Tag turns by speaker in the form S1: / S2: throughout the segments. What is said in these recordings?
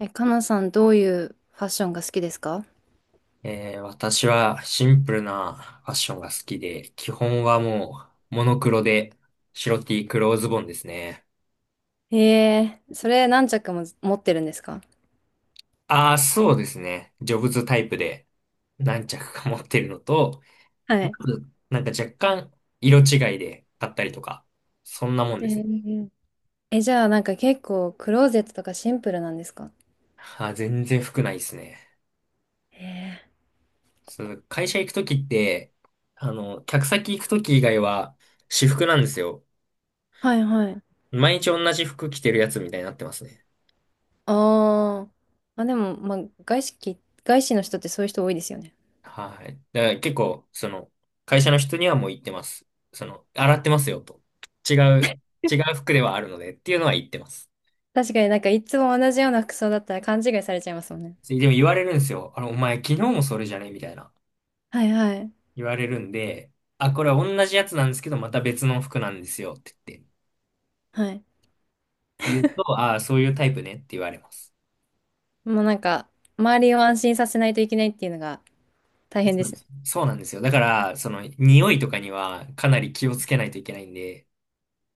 S1: え、かなさん、どういうファッションが好きですか？
S2: 私はシンプルなファッションが好きで、基本はもうモノクロで白 T 黒ズボンですね。
S1: ええー、それ何着も持ってるんですか？
S2: ああ、そうですね。ジョブズタイプで何着か持ってるのと、
S1: は
S2: ま
S1: い。
S2: ずなんか若干色違いで買ったりとか、そんなもん
S1: え
S2: ですね。
S1: ー、え、じゃあなんか結構クローゼットとかシンプルなんですか？
S2: あー、全然服ないですね。
S1: ええ
S2: そう、会社行くときって、客先行くとき以外は私服なんですよ。
S1: ー、はいはい。
S2: 毎日同じ服着てるやつみたいになってますね。
S1: あーあ、でも、まあ、外資き、外資の人ってそういう人多いですよね。
S2: はい。だから結構、会社の人にはもう言ってます。洗ってますよと。違う、違う服ではあるのでっていうのは言ってます。
S1: 確かになんかいつも同じような服装だったら勘違いされちゃいますもんね。
S2: でも言われるんですよ。あの、お前昨日もそれじゃねみたいな。
S1: はいはい。
S2: 言われるんで、あ、これは同じやつなんですけど、また別の服なんですよって言って。っ
S1: はい。
S2: て言うと、ああ、そういうタイプねって言われます。
S1: もうなんか、周りを安心させないといけないっていうのが大
S2: そ
S1: 変で
S2: うで
S1: すね。
S2: すそうなんですよ。だから、匂いとかにはかなり気をつけないといけないんで、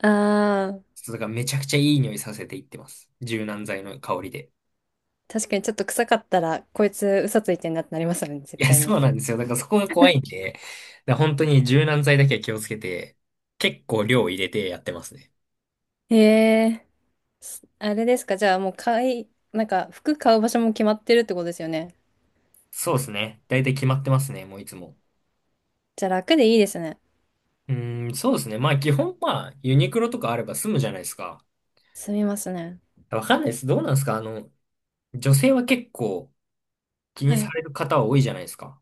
S1: ああ、
S2: ちょっとだからめちゃくちゃいい匂いさせていってます。柔軟剤の香りで。
S1: 確かにちょっと臭かったら、こいつ嘘ついてんなってなりますよね、絶
S2: いや、
S1: 対
S2: そ
S1: に。
S2: うなんですよ。だからそこが怖いんで、だから本当に柔軟剤だけは気をつけて、結構量入れてやってますね。
S1: へえ、あれですか、じゃあもうなんか服買う場所も決まってるってことですよね。
S2: そうですね。だいたい決まってますね、もういつも。
S1: じゃあ楽でいいですね。
S2: うーん、そうですね。まあ基本まあユニクロとかあれば済むじゃないですか。
S1: 済みますね。
S2: わかんないです。どうなんですかあの、女性は結構気に
S1: は
S2: さ
S1: い。
S2: れる方は多いじゃないですか。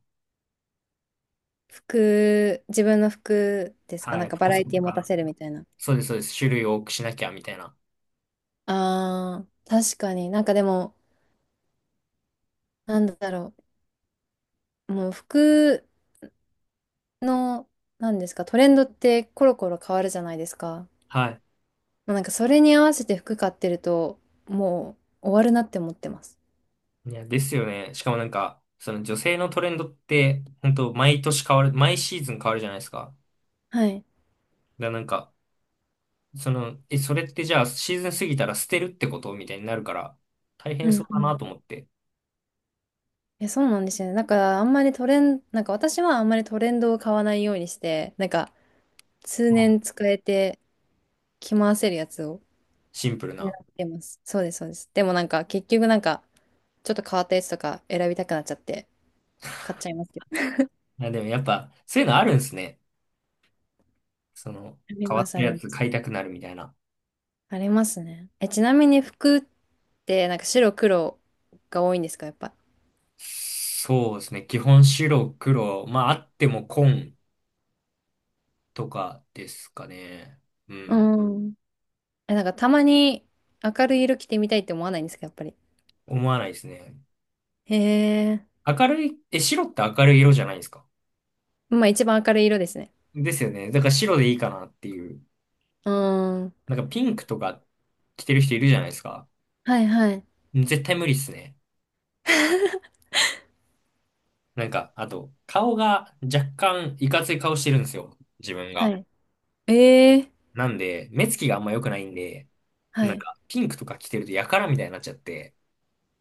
S1: 服、自分の服ですか、
S2: は
S1: なん
S2: い、
S1: かバ
S2: 服
S1: ラ
S2: 装
S1: エ
S2: と
S1: ティ持た
S2: か。
S1: せるみたいな。
S2: そうです、そうです。種類多くしなきゃみたいな。
S1: あー、確かになんかでも、なんだろう、もう服の、なんですか、トレンドってコロコロ変わるじゃないですか。
S2: はい。
S1: もうなんかそれに合わせて服買ってると、もう終わるなって思ってます。
S2: いや、ですよね。しかもなんか、その女性のトレンドって、本当毎年変わる、毎シーズン変わるじゃないですか。
S1: はい。
S2: だからなんか、それってじゃあシーズン過ぎたら捨てるってことみたいになるから、大
S1: う
S2: 変そう
S1: ん
S2: だ
S1: う
S2: な
S1: ん。
S2: と思って。
S1: え、そうなんですよね。だからあんまりトレン、なんか私はあんまりトレンドを買わないようにして、なんか通
S2: あ
S1: 年使えて着回せるやつを
S2: シンプル
S1: 選ん
S2: な。
S1: でます。そうです、そうです。でもなんか結局なんかちょっと変わったやつとか選びたくなっちゃって買っちゃいますけど。
S2: いや、でもやっぱ、そういうのあるんですね。その、
S1: あり
S2: 変わ
S1: ま
S2: っ
S1: す、
S2: た
S1: あり
S2: や
S1: ま
S2: つ
S1: す。
S2: 買いたくなるみたいな。
S1: ありますね。え、ちなみに服ってなんか白黒が多いんですか、やっぱ？
S2: そうですね。基本白、黒。まあ、あっても紺とかですかね。う
S1: う
S2: ん。
S1: ん。え、なんかたまに明るい色着てみたいって思わないんですか、やっぱり？
S2: 思わないですね。
S1: へえ。
S2: 明るい、え、白って明るい色じゃないですか。
S1: まあ一番明るい色ですね。
S2: ですよね。だから白でいいかなっていう。
S1: うーん。
S2: なんかピンクとか着てる人いるじゃないですか。
S1: はいはい。
S2: 絶対無理っすね。なんか、あと、顔が若干いかつい顔してるんですよ。自分
S1: は
S2: が。
S1: い。ええ。
S2: なんで、目つきがあんま良くないんで、
S1: は
S2: なん
S1: い。
S2: か、ピンクとか着てるとやからみたいになっちゃって。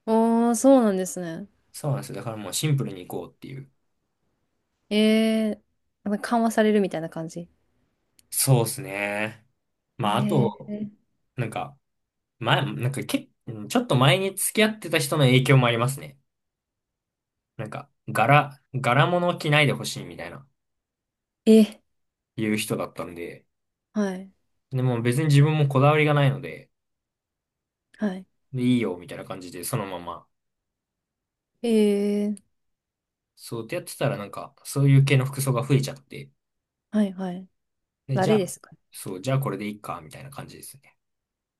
S1: おー、そうなんですね。
S2: そうなんですよ。だからもうシンプルに行こうっていう。
S1: ええ。なんか緩和されるみたいな感じ。
S2: そうですね。まあ、あ
S1: え
S2: と、
S1: え。
S2: なんか、前、なんかけ、うんちょっと前に付き合ってた人の影響もありますね。なんか、柄物着ないでほしいみたいな、
S1: え、
S2: いう人だったんで、
S1: はい。
S2: でも別に自分もこだわりがないので、
S1: はい。
S2: で、いいよ、みたいな感じで、そのまま
S1: ええ。
S2: そうってやってたらなんか、そういう系の服装が増えちゃって、
S1: はいはい。
S2: で、じゃ
S1: 誰
S2: あ、
S1: ですか？
S2: そう、じゃあこれでいいか、みたいな感じですね。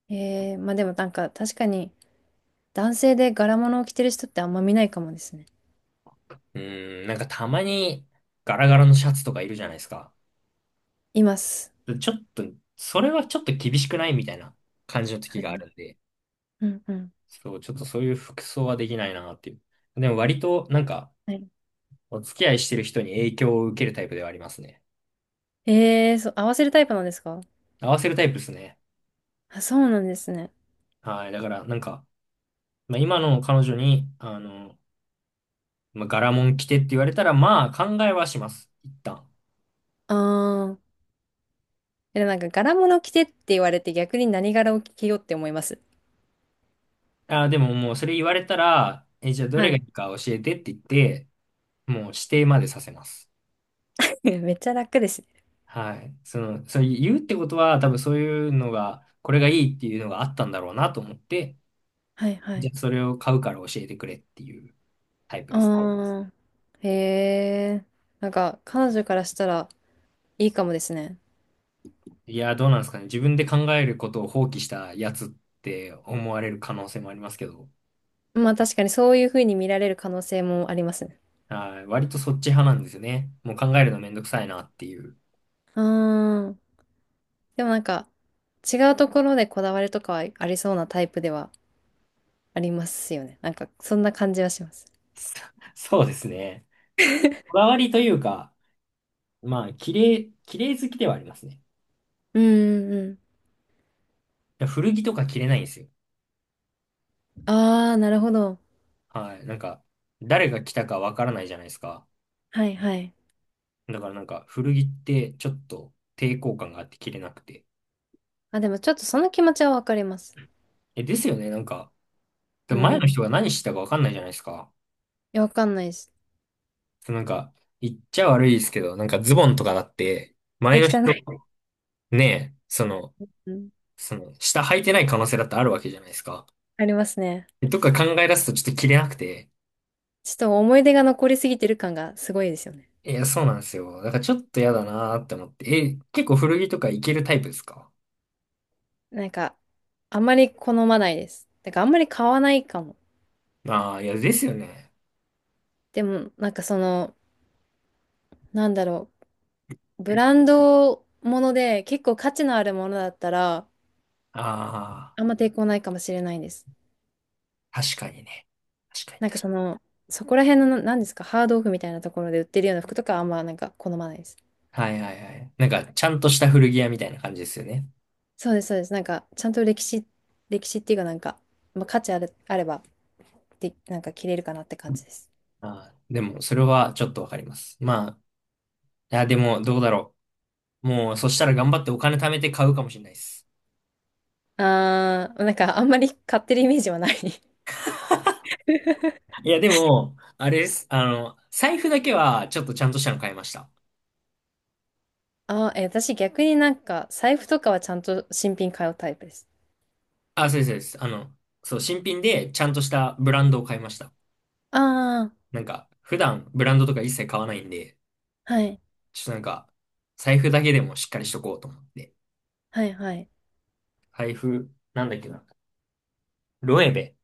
S1: ええ。まあでもなんか確かに男性で柄物を着てる人ってあんま見ないかもですね。
S2: うーん、なんかたまにガラガラのシャツとかいるじゃないですか。
S1: います。
S2: ちょっと、それはちょっと厳しくないみたいな感じの時
S1: は
S2: があ
S1: い。
S2: るんで、
S1: うんうん。
S2: そう、ちょっとそういう服装はできないなっていう。でも割となんか、
S1: はい。
S2: お付き合いしてる人に影響を受けるタイプではありますね。
S1: ええ、そう、合わせるタイプなんですか？
S2: 合わせるタイプですね。
S1: あ、そうなんですね。
S2: はい、だからなんか、まあ、今の彼女に、まあ、柄もん着てって言われたら、まあ考えはします。一旦。
S1: ああ。え、なんか柄物着てって言われて逆に何柄を着ようって思います？
S2: あー、でももうそれ言われたら、え、じゃあど
S1: は
S2: れがい
S1: い。
S2: いか教えてって言って、もう指定までさせます。
S1: めっちゃ楽ですね。
S2: はい。そう言うってことは、多分そういうのが、これがいいっていうのがあったんだろうなと思って、
S1: はいは
S2: じゃ
S1: い。
S2: あそれを買うから教えてくれっていうタイプですね。
S1: ああ。へえ。なんか彼女からしたらいいかもですね。
S2: いやー、どうなんですかね。自分で考えることを放棄したやつって思われる可能性もありますけど、
S1: まあ確かにそういう風に見られる可能性もありますね。
S2: はい。割とそっち派なんですよね。もう考えるのめんどくさいなっていう。
S1: ああ。でもなんか違うところでこだわりとかはありそうなタイプではありますよね。なんかそんな感じはします。
S2: そうですね。こだわりというか、まあ、綺麗好きではありますね。
S1: うんうん
S2: 古着とか着れないんですよ。
S1: うん。ああ、なるほど。
S2: はい。なんか、誰が着たかわからないじゃないですか。
S1: はいはい。
S2: だからなんか、古着ってちょっと抵抗感があって着れなくて。
S1: あ、でもちょっとその気持ちはわかります。
S2: え、ですよね。なんか、
S1: う
S2: 前の
S1: ん。い
S2: 人が何してたかわかんないじゃないですか。
S1: や、わかんないです。
S2: そうなんか、言っちゃ悪いですけど、なんかズボンとかだって、前
S1: え、
S2: の人、
S1: 汚い。
S2: ねえ、その、
S1: うん。
S2: その、下履いてない可能性だってあるわけじゃないですか。
S1: ありますね。
S2: とか考え出すとちょっと着れなくて。
S1: ちょっと思い出が残りすぎてる感がすごいですよね。
S2: いや、そうなんですよ。だからちょっと嫌だなーって思って。え、結構古着とかいけるタイプですか？
S1: なんか、あんまり好まないです。だからあんまり買わないかも。
S2: ああー、いや、ですよね。
S1: でも、なんかその、なんだろう。ブランドもので結構価値のあるものだったら、
S2: あ
S1: あんま抵抗ないかもしれないです。
S2: あ、確かにね。確かに
S1: なんか
S2: 確
S1: その、そこら辺のなんですか、ハードオフみたいなところで売ってるような服とかはあんまなんか好まないです。
S2: かに。はいはいはい。なんか、ちゃんとした古着屋みたいな感じですよね。
S1: そうです、そうです。なんか、ちゃんと歴史、歴史っていうかなんか、まあ、価値ある、あれば、で、なんか着れるかなって感じです。
S2: ああ、でも、それはちょっとわかります。まあ、いや、でも、どうだろう。もう、そしたら頑張ってお金貯めて買うかもしれないです。
S1: あー、なんかあんまり買ってるイメージはない
S2: いや、でも、あれです。財布だけは、ちょっとちゃんとしたの買いました。
S1: あー、え、私逆になんか、財布とかはちゃんと新品買うタイプです。
S2: あ、そうです、そうです。新品で、ちゃんとしたブランドを買いました。
S1: あー、
S2: なんか、普段ブランドとか一切買わないんで、
S1: はい、
S2: ちょっとなんか、財布だけでもしっかりしとこうと思って。
S1: はい、はい、
S2: 財布、なんだっけな。ロエベ。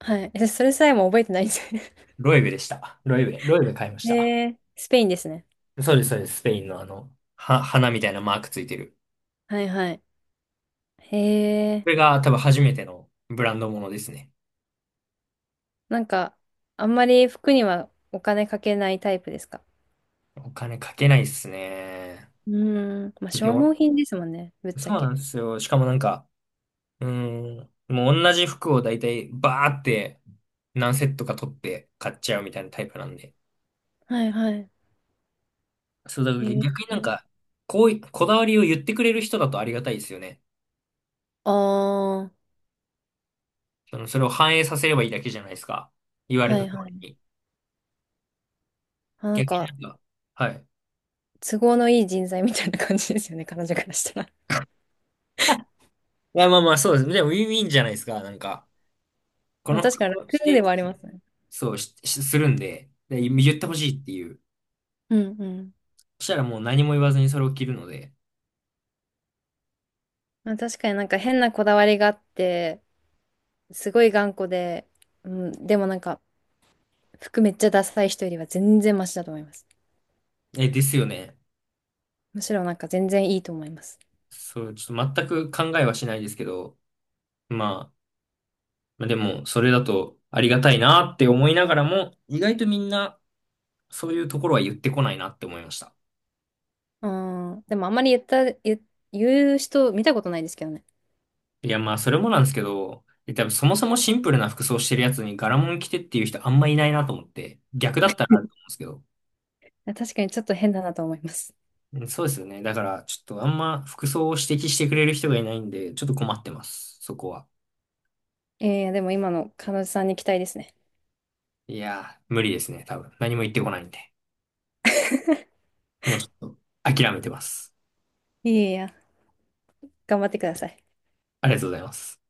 S1: はい。え、それさえも覚えてないんですよ
S2: ロエベでした。ロエベ買いまし
S1: ね
S2: た。
S1: へ ー、スペインですね。
S2: そうです、そうです。スペインの花みたいなマークついてる。
S1: はい、はい。へえ、
S2: これが多分初めてのブランドものですね。
S1: なんか、あんまり服にはお金かけないタイプですか？
S2: お金かけないっすね。
S1: うーん、まあ、
S2: で
S1: 消
S2: も、
S1: 耗品ですもんね、ぶっちゃ
S2: そうな
S1: け。
S2: んですよ。しかもなんか、うーん、もう同じ服を大体バーって何セットか取って買っちゃうみたいなタイプなんで。
S1: はいはい。
S2: そう、だから
S1: へえ。
S2: 逆になんか、こうい、こだわりを言ってくれる人だとありがたいですよね。
S1: ああ。
S2: それを反映させればいいだけじゃないですか。言われ
S1: は
S2: た
S1: い
S2: 通
S1: はい。
S2: りに。
S1: あ、な
S2: 逆
S1: んか、
S2: になんか、はい。
S1: 都合のいい人材みたいな感じですよね、彼女からしたら。
S2: いや、まあまあ、そうです。でも、ウィンウィンじゃないですか。なんか、こ
S1: まあ、
S2: の
S1: 確
S2: 服
S1: かに
S2: を
S1: 楽
S2: し
S1: で
S2: て、
S1: はありますね。
S2: しするんで、で、言ってほしいっていう。
S1: うんうん。
S2: そしたらもう何も言わずにそれを着るので。
S1: まあ、確かになんか変なこだわりがあって、すごい頑固で、うん、でもなんか、服めっちゃダサい人よりは全然マシだと思います。
S2: え、ですよね。
S1: むしろなんか全然いいと思います。
S2: そう、ちょっと全く考えはしないですけど、まあ、まあでも、それだとありがたいなって思いながらも、意外とみんな、そういうところは言ってこないなって思いました。
S1: うん、でもあんまり言う人見たことないですけどね。
S2: いや、まあ、それもなんですけど、多分そもそもシンプルな服装してるやつに柄物着てっていう人あんまいないなと思って、逆だったらあると思うんですけど。
S1: 確かにちょっと変だなと思います。
S2: うんそうですよね。だから、ちょっとあんま服装を指摘してくれる人がいないんで、ちょっと困ってます。そこは。
S1: でも今の彼女さんに期待ですね。
S2: いやー、無理ですね。多分。何も言ってこないんで。もうちょっと、諦めてます。
S1: いやいや、頑張ってください。
S2: ありがとうございます。